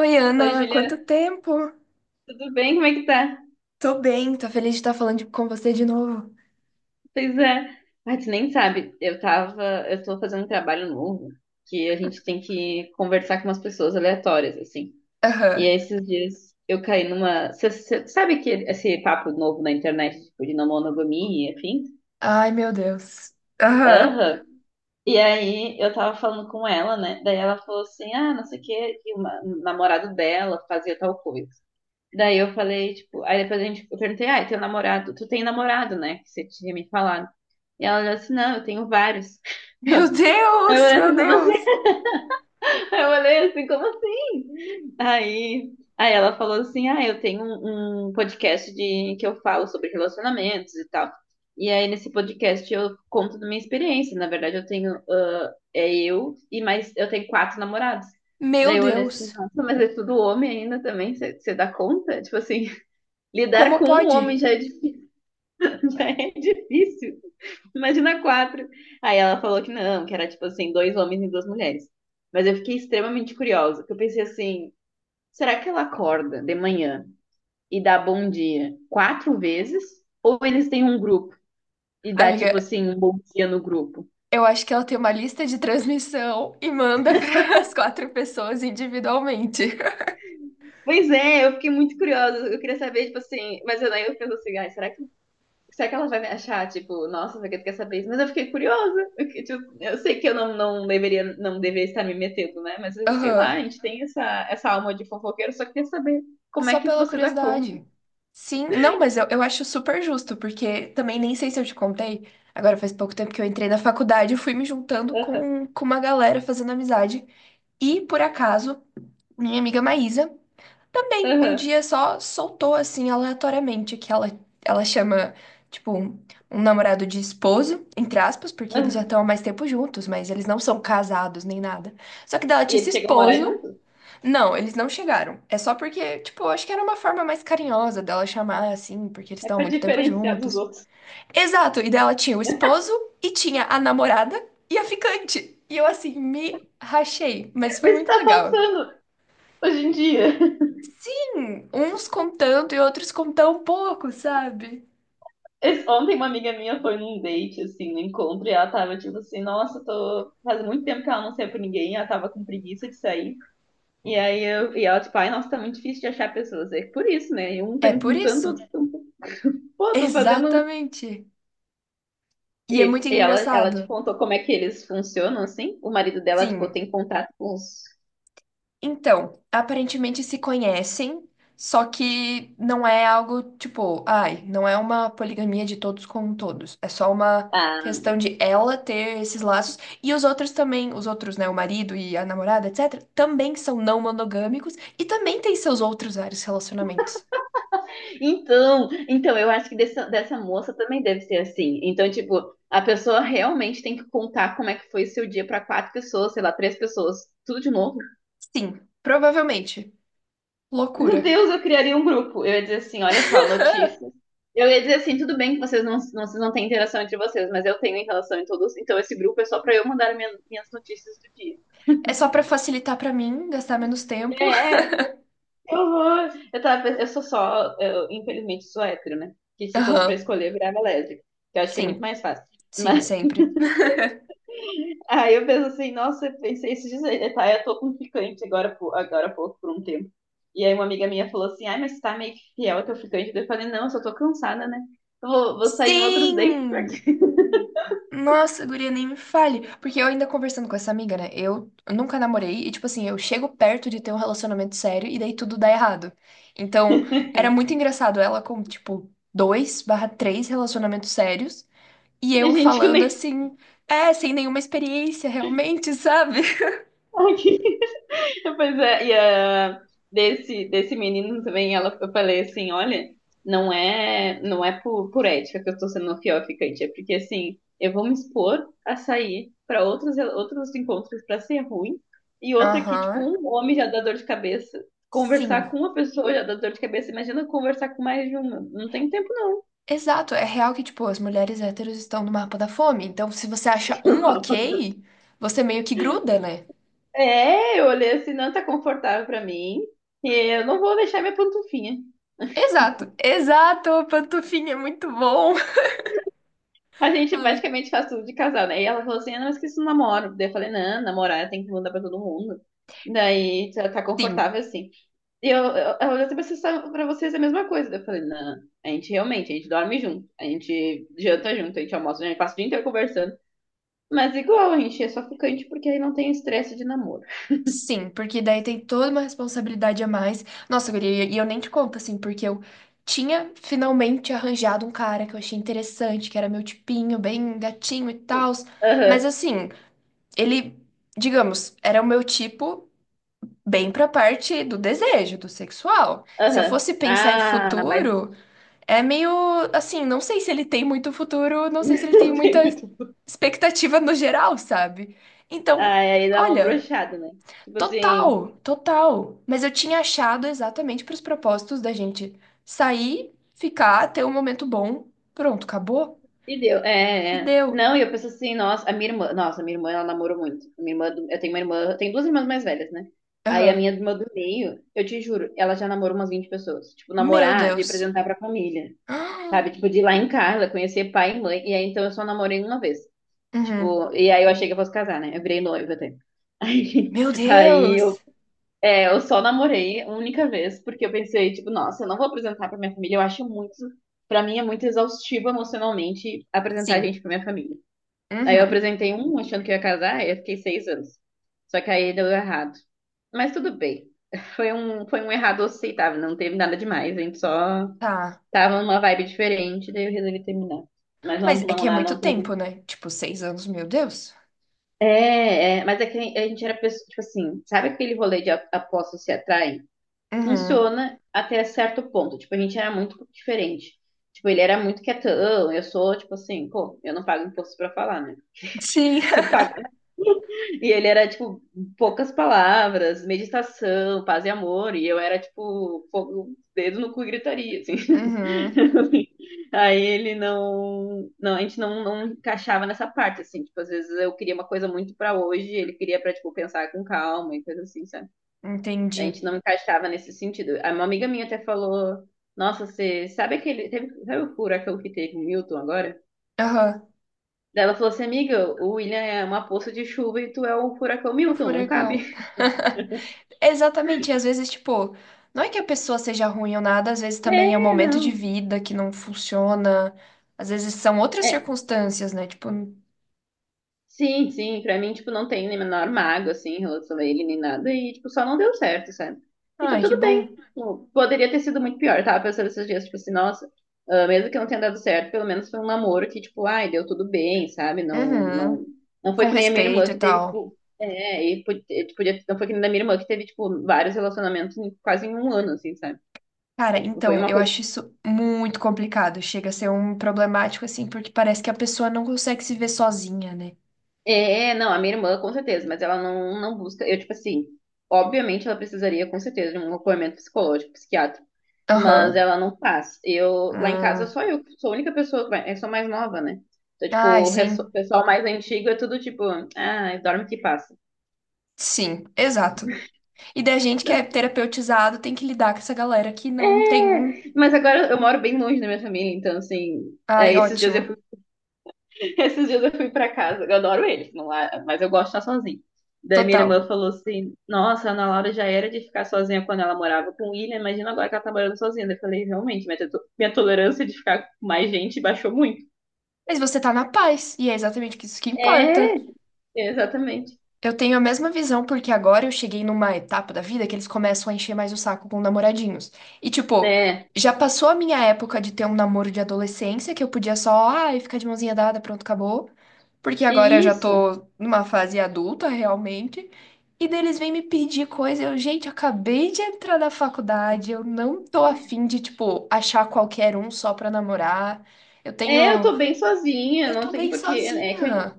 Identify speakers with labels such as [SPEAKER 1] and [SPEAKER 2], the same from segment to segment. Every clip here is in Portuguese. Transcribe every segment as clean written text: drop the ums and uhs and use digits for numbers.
[SPEAKER 1] Oi,
[SPEAKER 2] Oi,
[SPEAKER 1] Ana,
[SPEAKER 2] Juliana,
[SPEAKER 1] quanto tempo?
[SPEAKER 2] tudo bem? Como é que tá?
[SPEAKER 1] Tô bem, tô feliz de estar falando com você de novo.
[SPEAKER 2] Pois é. Ah, tu nem sabe, eu tô fazendo um trabalho novo que a gente tem que conversar com umas pessoas aleatórias, assim. E
[SPEAKER 1] Aham.
[SPEAKER 2] aí, esses dias eu caí numa. Sabe que esse papo novo na internet, tipo, de não monogamia, enfim?
[SPEAKER 1] Ai, meu Deus. Aham.
[SPEAKER 2] Aham. E aí eu tava falando com ela, né? Daí ela falou assim, ah, não sei o quê, que um namorado dela fazia tal coisa. Daí eu falei, tipo, aí depois a gente, eu perguntei, ah, e teu namorado, tu tem namorado, né? Que você tinha me falado. E ela olhou assim, não, eu tenho vários.
[SPEAKER 1] Meu
[SPEAKER 2] Eu,
[SPEAKER 1] Deus,
[SPEAKER 2] aí
[SPEAKER 1] meu Deus.
[SPEAKER 2] eu olhei assim, como assim? Aí eu olhei assim, como assim? Aí ela falou assim, ah, eu tenho um podcast de, que eu falo sobre relacionamentos e tal. E aí nesse podcast eu conto da minha experiência. Na verdade, eu tenho, ah, é eu e mais, eu tenho quatro namorados.
[SPEAKER 1] Meu
[SPEAKER 2] Daí eu olhei assim,
[SPEAKER 1] Deus.
[SPEAKER 2] nossa, mas é tudo homem ainda também, você dá conta? Tipo assim, lidar
[SPEAKER 1] Como
[SPEAKER 2] com um
[SPEAKER 1] pode?
[SPEAKER 2] homem já é difí- já é difícil. Imagina quatro. Aí ela falou que não, que era tipo assim, dois homens e duas mulheres. Mas eu fiquei extremamente curiosa, porque eu pensei assim, será que ela acorda de manhã e dá bom dia quatro vezes? Ou eles têm um grupo e dá tipo
[SPEAKER 1] Amiga,
[SPEAKER 2] assim, um bom dia no grupo?
[SPEAKER 1] eu acho que ela tem uma lista de transmissão e manda para as quatro pessoas individualmente.
[SPEAKER 2] Pois é, eu fiquei muito curiosa. Eu queria saber, tipo assim, mas eu daí eu penso assim, ai, será que Será que ela vai me achar, tipo, nossa, você quer saber isso? Mas eu fiquei curiosa. Porque, tipo, eu sei que eu não, não deveria, não deveria estar me metendo, né? Mas sei lá,
[SPEAKER 1] Aham.
[SPEAKER 2] a gente tem essa alma de fofoqueiro, só quer saber como
[SPEAKER 1] Só
[SPEAKER 2] é que
[SPEAKER 1] pela
[SPEAKER 2] você dá conta.
[SPEAKER 1] curiosidade. Sim, não, mas eu acho super justo, porque também nem sei se eu te contei. Agora faz pouco tempo que eu entrei na faculdade, eu fui me juntando
[SPEAKER 2] Aham,
[SPEAKER 1] com uma galera fazendo amizade. E por acaso, minha amiga Maísa também um
[SPEAKER 2] aham,
[SPEAKER 1] dia só soltou assim aleatoriamente que ela chama, tipo, um namorado de esposo, entre aspas, porque eles já
[SPEAKER 2] aham.
[SPEAKER 1] estão há mais tempo juntos, mas eles não são casados nem nada. Só que daí ela
[SPEAKER 2] E
[SPEAKER 1] disse
[SPEAKER 2] eles chegam a morar
[SPEAKER 1] esposo.
[SPEAKER 2] juntos.
[SPEAKER 1] Não, eles não chegaram. É só porque, tipo, eu acho que era uma forma mais carinhosa dela chamar, assim, porque eles
[SPEAKER 2] É
[SPEAKER 1] estavam
[SPEAKER 2] pra
[SPEAKER 1] muito tempo
[SPEAKER 2] diferenciar dos
[SPEAKER 1] juntos.
[SPEAKER 2] outros.
[SPEAKER 1] Exato, e daí ela tinha o esposo e tinha a namorada e a ficante. E eu, assim, me rachei, mas foi
[SPEAKER 2] Mas isso que
[SPEAKER 1] muito
[SPEAKER 2] tá
[SPEAKER 1] legal.
[SPEAKER 2] faltando hoje em dia.
[SPEAKER 1] Sim, uns com tanto e outros com tão pouco, sabe?
[SPEAKER 2] Ontem uma amiga minha foi num date, assim, no encontro, e ela tava tipo assim, nossa, tô faz muito tempo que ela não saiu com ninguém, ela tava com preguiça de sair. E aí eu, e ela, tipo, ai, nossa, tá muito difícil de achar pessoas. É por isso, né? E um
[SPEAKER 1] É
[SPEAKER 2] tem
[SPEAKER 1] por
[SPEAKER 2] um tanto,
[SPEAKER 1] isso.
[SPEAKER 2] outro tem pô, tô fazendo.
[SPEAKER 1] Exatamente. E é
[SPEAKER 2] E,
[SPEAKER 1] muito
[SPEAKER 2] e ela, ela
[SPEAKER 1] engraçado.
[SPEAKER 2] te contou como é que eles funcionam, assim. O marido dela, tipo,
[SPEAKER 1] Sim.
[SPEAKER 2] tem contato com os.
[SPEAKER 1] Então, aparentemente se conhecem, só que não é algo tipo, ai, não é uma poligamia de todos com todos. É só uma
[SPEAKER 2] Ah,
[SPEAKER 1] questão de ela ter esses laços e os outros também, os outros, né, o marido e a namorada, etc, também são não monogâmicos e também têm seus outros vários relacionamentos.
[SPEAKER 2] então, eu acho que dessa moça também deve ser assim. Então, tipo, a pessoa realmente tem que contar como é que foi seu dia pra quatro pessoas, sei lá, três pessoas, tudo de novo.
[SPEAKER 1] Sim, provavelmente.
[SPEAKER 2] Meu
[SPEAKER 1] Loucura.
[SPEAKER 2] Deus, eu criaria um grupo. Eu ia dizer assim, olha só, notícias. Eu ia dizer assim, tudo bem que vocês vocês não têm interação entre vocês, mas eu tenho interação em todos. Então esse grupo é só pra eu mandar minhas notícias do dia.
[SPEAKER 1] É só pra facilitar pra mim, gastar menos tempo.
[SPEAKER 2] É, que horror. Eu sou só, eu, infelizmente sou hétero, né? Que se fosse pra
[SPEAKER 1] Aham.
[SPEAKER 2] escolher, eu virava lésbica. Que eu acho que é muito
[SPEAKER 1] Sim,
[SPEAKER 2] mais fácil.
[SPEAKER 1] sim, sempre.
[SPEAKER 2] Aí eu penso assim, nossa, eu pensei esses dias aí, tá, eu tô com ficante agora, agora há pouco, por um tempo. E aí uma amiga minha falou assim, ai, mas tá meio que fiel ao teu ficante. Daí eu falei, não, eu só tô cansada, né? Eu vou sair em outros dates,
[SPEAKER 1] Sim!
[SPEAKER 2] porque
[SPEAKER 1] Nossa, guria, nem me fale. Porque eu ainda conversando com essa amiga, né? Eu nunca namorei e, tipo assim, eu chego perto de ter um relacionamento sério e daí tudo dá errado. Então, era muito engraçado ela com, tipo, dois barra três relacionamentos sérios e
[SPEAKER 2] a
[SPEAKER 1] eu
[SPEAKER 2] gente
[SPEAKER 1] falando
[SPEAKER 2] nem
[SPEAKER 1] assim, é, sem nenhuma experiência realmente, sabe?
[SPEAKER 2] tá aqui. Pois é, desse menino também, ela, eu falei assim, olha, não é por ética que eu tô sendo uma fiel ficante, é porque assim, eu vou me expor a sair para outros encontros para ser ruim, e outra que, tipo,
[SPEAKER 1] Aham.
[SPEAKER 2] um homem já dá dor de cabeça. Conversar
[SPEAKER 1] Sim.
[SPEAKER 2] com uma pessoa já dá dor de cabeça. Imagina conversar com mais de uma. Não tem tempo, não.
[SPEAKER 1] Exato. É real que, tipo, as mulheres héteros estão no mapa da fome. Então, se você acha um ok, você meio que gruda, né?
[SPEAKER 2] É, eu olhei assim, não tá confortável pra mim. E eu não vou deixar minha pantufinha.
[SPEAKER 1] Exato, exato, pantufinha, é muito bom.
[SPEAKER 2] A gente
[SPEAKER 1] Ai.
[SPEAKER 2] basicamente faz tudo de casal, né? E ela falou assim, ah, não, eu esqueci o namoro. Daí eu falei, não, namorar tem que mandar pra todo mundo. Daí tá
[SPEAKER 1] Sim,
[SPEAKER 2] confortável assim. E ela olhou assim, vocês pra vocês é a mesma coisa. Daí eu falei, não, a gente realmente, a gente dorme junto, a gente janta junto, a gente almoça, junto, a gente passa o dia inteiro conversando. Mas igual, a gente é só ficante porque aí não tem estresse de namoro.
[SPEAKER 1] sim, porque daí tem toda uma responsabilidade a mais. Nossa, guria, e eu nem te conto, assim, porque eu tinha finalmente arranjado um cara que eu achei interessante, que era meu tipinho, bem gatinho e tal. Mas,
[SPEAKER 2] Aham,
[SPEAKER 1] assim, ele, digamos, era o meu tipo bem pra parte do desejo, do sexual. Se eu
[SPEAKER 2] aham.
[SPEAKER 1] fosse pensar em
[SPEAKER 2] Ah, mas
[SPEAKER 1] futuro. É meio assim, não sei se ele tem muito futuro, não sei se ele tem
[SPEAKER 2] não
[SPEAKER 1] muita
[SPEAKER 2] tem muito.
[SPEAKER 1] expectativa no geral, sabe? Então,
[SPEAKER 2] Ah, aí dá uma
[SPEAKER 1] olha,
[SPEAKER 2] brochada, né? Tipo assim,
[SPEAKER 1] total, total. Mas eu tinha achado exatamente para os propósitos da gente sair, ficar, ter um momento bom, pronto, acabou
[SPEAKER 2] e deu,
[SPEAKER 1] e
[SPEAKER 2] é, é.
[SPEAKER 1] deu.
[SPEAKER 2] Não, e eu penso assim, nossa, a minha irmã, nossa, a minha irmã, ela namorou muito. A minha irmã, eu tenho uma irmã, eu tenho duas irmãs mais velhas, né? Aí a minha
[SPEAKER 1] Aham.
[SPEAKER 2] irmã do meio, eu te juro, ela já namorou umas 20 pessoas. Tipo,
[SPEAKER 1] Meu
[SPEAKER 2] namorar, de
[SPEAKER 1] Deus.
[SPEAKER 2] apresentar pra família,
[SPEAKER 1] Ah.
[SPEAKER 2] sabe? Tipo, de ir lá em Carla, conhecer pai e mãe. E aí, então, eu só namorei uma vez.
[SPEAKER 1] Uhum.
[SPEAKER 2] Tipo, e aí eu achei que eu fosse casar, né? Eu virei noiva até. Aí,
[SPEAKER 1] Meu
[SPEAKER 2] aí eu
[SPEAKER 1] Deus.
[SPEAKER 2] é, eu só namorei uma única vez, porque eu pensei, tipo, nossa, eu não vou apresentar pra minha família, eu acho muito, pra mim é muito exaustivo emocionalmente apresentar a
[SPEAKER 1] Sim.
[SPEAKER 2] gente pra minha família. Aí eu
[SPEAKER 1] Uhum.
[SPEAKER 2] apresentei um achando que eu ia casar, aí eu fiquei 6 anos. Só que aí deu errado. Mas tudo bem. Foi um errado aceitável, não teve nada demais, a gente só
[SPEAKER 1] Tá.
[SPEAKER 2] tava numa vibe diferente, daí eu resolvi terminar. Mas não,
[SPEAKER 1] Mas é
[SPEAKER 2] não,
[SPEAKER 1] que é
[SPEAKER 2] não,
[SPEAKER 1] muito
[SPEAKER 2] não teve.
[SPEAKER 1] tempo, né? Tipo, 6 anos, meu Deus.
[SPEAKER 2] É, mas é que a gente era pessoa, tipo assim, sabe aquele rolê de apostas se atraem?
[SPEAKER 1] Uhum.
[SPEAKER 2] Funciona até certo ponto. Tipo, a gente era muito diferente. Tipo, ele era muito quietão, eu sou, tipo assim, pô, eu não pago imposto pra falar, né?
[SPEAKER 1] Sim.
[SPEAKER 2] Se eu pagar. E ele era, tipo, poucas palavras, meditação, paz e amor, e eu era, tipo, fogo, dedo no cu e gritaria, assim.
[SPEAKER 1] Uhum,
[SPEAKER 2] Aí ele não, não, a gente não, não encaixava nessa parte, assim, tipo, às vezes eu queria uma coisa muito pra hoje, ele queria pra, tipo, pensar com calma e coisa assim, sabe? A
[SPEAKER 1] entendi.
[SPEAKER 2] gente não encaixava nesse sentido. Uma amiga minha até falou: Nossa, você sabe aquele. Teve, sabe o furacão que teve o Milton agora?
[SPEAKER 1] Aham,
[SPEAKER 2] Daí ela falou assim: Amiga, o William é uma poça de chuva e tu é o furacão
[SPEAKER 1] o
[SPEAKER 2] Milton, não cabe.
[SPEAKER 1] furacão. Exatamente, e às vezes, tipo, não é que a pessoa seja ruim ou nada, às vezes também é um
[SPEAKER 2] É,
[SPEAKER 1] momento de
[SPEAKER 2] não.
[SPEAKER 1] vida que não funciona, às vezes são outras
[SPEAKER 2] É,
[SPEAKER 1] circunstâncias, né? Tipo,
[SPEAKER 2] sim, sim, pra mim, tipo, não tem nem menor mago, assim, em relação a ele, nem nada, e, tipo, só não deu certo, sabe? Então,
[SPEAKER 1] ai, que
[SPEAKER 2] tudo bem.
[SPEAKER 1] bom.
[SPEAKER 2] Tipo, poderia ter sido muito pior, tava pensando esses dias, tipo assim, nossa, ah, mesmo que não tenha dado certo, pelo menos foi um namoro que, tipo, ai, deu tudo bem, sabe? Não,
[SPEAKER 1] Uhum,
[SPEAKER 2] não, não foi
[SPEAKER 1] com
[SPEAKER 2] que nem a minha irmã
[SPEAKER 1] respeito e
[SPEAKER 2] que teve,
[SPEAKER 1] tal.
[SPEAKER 2] tipo, podia, não foi que nem a da minha irmã que teve, tipo, vários relacionamentos quase em um ano, assim, sabe?
[SPEAKER 1] Cara,
[SPEAKER 2] Então, tipo, foi
[SPEAKER 1] então,
[SPEAKER 2] uma
[SPEAKER 1] eu
[SPEAKER 2] coisa
[SPEAKER 1] acho isso muito complicado, chega a ser um problemático, assim, porque parece que a pessoa não consegue se ver sozinha, né?
[SPEAKER 2] É, não, a minha irmã, com certeza, mas ela não, não busca. Eu, tipo assim, obviamente ela precisaria, com certeza, de um acompanhamento psicológico, psiquiátrico, mas
[SPEAKER 1] Aham.
[SPEAKER 2] ela não faz. Eu, lá em casa,
[SPEAKER 1] Hum.
[SPEAKER 2] só eu, sou a única pessoa que vai, eu sou mais nova, né? Então, tipo,
[SPEAKER 1] Ai,
[SPEAKER 2] o
[SPEAKER 1] sim.
[SPEAKER 2] pessoal mais antigo é tudo tipo, ah, dorme que passa.
[SPEAKER 1] Sim, exato. E da gente que é terapeutizado tem que lidar com essa galera que não tem. Um.
[SPEAKER 2] É, mas agora eu moro bem longe da minha família, então, assim,
[SPEAKER 1] Ai,
[SPEAKER 2] é, esses dias eu
[SPEAKER 1] ótimo.
[SPEAKER 2] esses dias eu fui pra casa, eu adoro eles, não lá, mas eu gosto de estar sozinha. Daí minha
[SPEAKER 1] Total.
[SPEAKER 2] irmã falou assim: Nossa, a Ana Laura já era de ficar sozinha quando ela morava com o William, imagina agora que ela tá morando sozinha. Daí eu falei: Realmente, minha tolerância de ficar com mais gente baixou muito.
[SPEAKER 1] Mas você tá na paz, e é exatamente isso que importa.
[SPEAKER 2] É, exatamente.
[SPEAKER 1] Eu tenho a mesma visão porque agora eu cheguei numa etapa da vida que eles começam a encher mais o saco com namoradinhos. E tipo,
[SPEAKER 2] É,
[SPEAKER 1] já passou a minha época de ter um namoro de adolescência que eu podia só, ai, ficar de mãozinha dada, pronto, acabou. Porque
[SPEAKER 2] é
[SPEAKER 1] agora eu já
[SPEAKER 2] isso.
[SPEAKER 1] tô numa fase adulta, realmente. E daí eles vêm me pedir coisa. Eu, gente, eu acabei de entrar na faculdade. Eu não tô afim de, tipo, achar qualquer um só pra namorar. Eu
[SPEAKER 2] É, eu
[SPEAKER 1] tenho.
[SPEAKER 2] tô bem sozinha,
[SPEAKER 1] Eu
[SPEAKER 2] não
[SPEAKER 1] tô
[SPEAKER 2] tem
[SPEAKER 1] bem
[SPEAKER 2] porquê. É que
[SPEAKER 1] sozinha.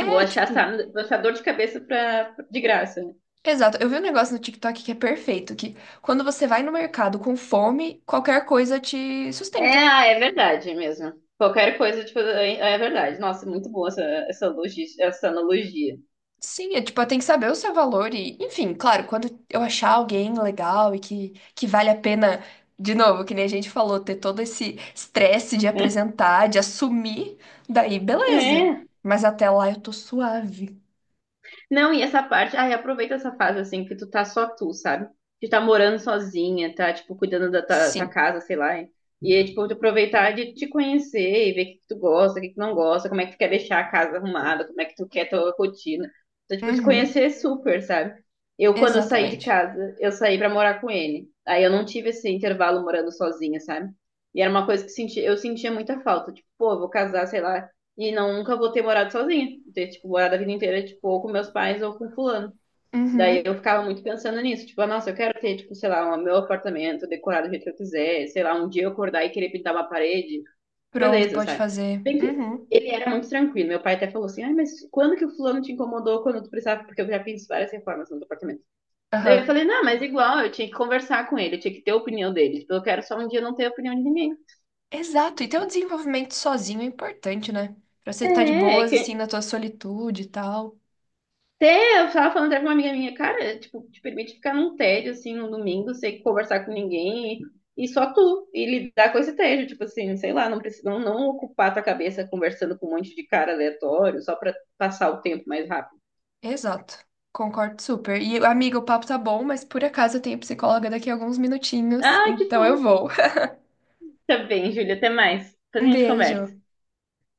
[SPEAKER 2] eu vou achar,
[SPEAKER 1] tipo.
[SPEAKER 2] vou achar dor de cabeça pra, de graça. Né?
[SPEAKER 1] Exato. Eu vi um negócio no TikTok que é perfeito, que quando você vai no mercado com fome, qualquer coisa te
[SPEAKER 2] É,
[SPEAKER 1] sustenta.
[SPEAKER 2] ah, é verdade mesmo. Qualquer coisa, tipo, é, é verdade. Nossa, muito boa essa analogia.
[SPEAKER 1] Sim, é tipo, tem que saber o seu valor e, enfim, claro, quando eu achar alguém legal e que vale a pena, de novo, que nem a gente falou, ter todo esse estresse de apresentar, de assumir, daí beleza.
[SPEAKER 2] É.
[SPEAKER 1] Mas até lá eu tô suave.
[SPEAKER 2] Não, e essa parte, ai, aproveita essa fase assim que tu tá só tu, sabe? Que tá morando sozinha, tá tipo cuidando da tua
[SPEAKER 1] Sim.
[SPEAKER 2] casa, sei lá. E é, tipo, tu aproveitar de te conhecer e ver o que que tu gosta, o que que tu não gosta, como é que tu quer deixar a casa arrumada, como é que tu quer tua rotina. Então, tipo, te conhecer
[SPEAKER 1] Uhum.
[SPEAKER 2] é super, sabe? Eu, quando eu saí de
[SPEAKER 1] Exatamente.
[SPEAKER 2] casa, eu saí pra morar com ele. Aí eu não tive esse intervalo morando sozinha, sabe? E era uma coisa que senti, eu sentia muita falta. Tipo, pô, eu vou casar, sei lá, e não, nunca vou ter morado sozinha. Ter, tipo, morado a vida inteira, tipo, ou com meus pais ou com fulano. Daí
[SPEAKER 1] Uhum.
[SPEAKER 2] eu ficava muito pensando nisso. Tipo, ah, nossa, eu quero ter, tipo, sei lá, o meu apartamento decorado do jeito que eu quiser. Sei lá, um dia eu acordar e querer pintar uma parede.
[SPEAKER 1] Pronto,
[SPEAKER 2] Beleza,
[SPEAKER 1] pode
[SPEAKER 2] sabe?
[SPEAKER 1] fazer.
[SPEAKER 2] Bem que
[SPEAKER 1] Uhum.
[SPEAKER 2] ele era muito tranquilo. Meu pai até falou assim, ai, mas quando que o fulano te incomodou quando tu precisava? Porque eu já fiz várias reformas no apartamento. Daí eu
[SPEAKER 1] Aham.
[SPEAKER 2] falei, não, mas igual, eu tinha que conversar com ele. Eu tinha que ter a opinião dele. Tipo, eu quero só um dia não ter a opinião de ninguém.
[SPEAKER 1] Exato. E ter um desenvolvimento sozinho é importante, né? Pra você estar de
[SPEAKER 2] É, é
[SPEAKER 1] boas, assim,
[SPEAKER 2] que
[SPEAKER 1] na tua solitude e tal.
[SPEAKER 2] Até eu tava falando até com uma amiga minha, cara, tipo, te permite ficar num tédio assim no domingo, sem conversar com ninguém e só tu, e lidar com esse tédio, tipo assim, sei lá, não precisa não, não ocupar tua cabeça conversando com um monte de cara aleatório só pra passar o tempo mais rápido.
[SPEAKER 1] Exato. Concordo super. E, amiga, o papo tá bom, mas por acaso eu tenho psicóloga daqui a alguns minutinhos,
[SPEAKER 2] Ah, que
[SPEAKER 1] então eu
[SPEAKER 2] bom.
[SPEAKER 1] vou.
[SPEAKER 2] Tá bem, Júlia, até mais. Depois a
[SPEAKER 1] Um
[SPEAKER 2] gente
[SPEAKER 1] beijo.
[SPEAKER 2] conversa.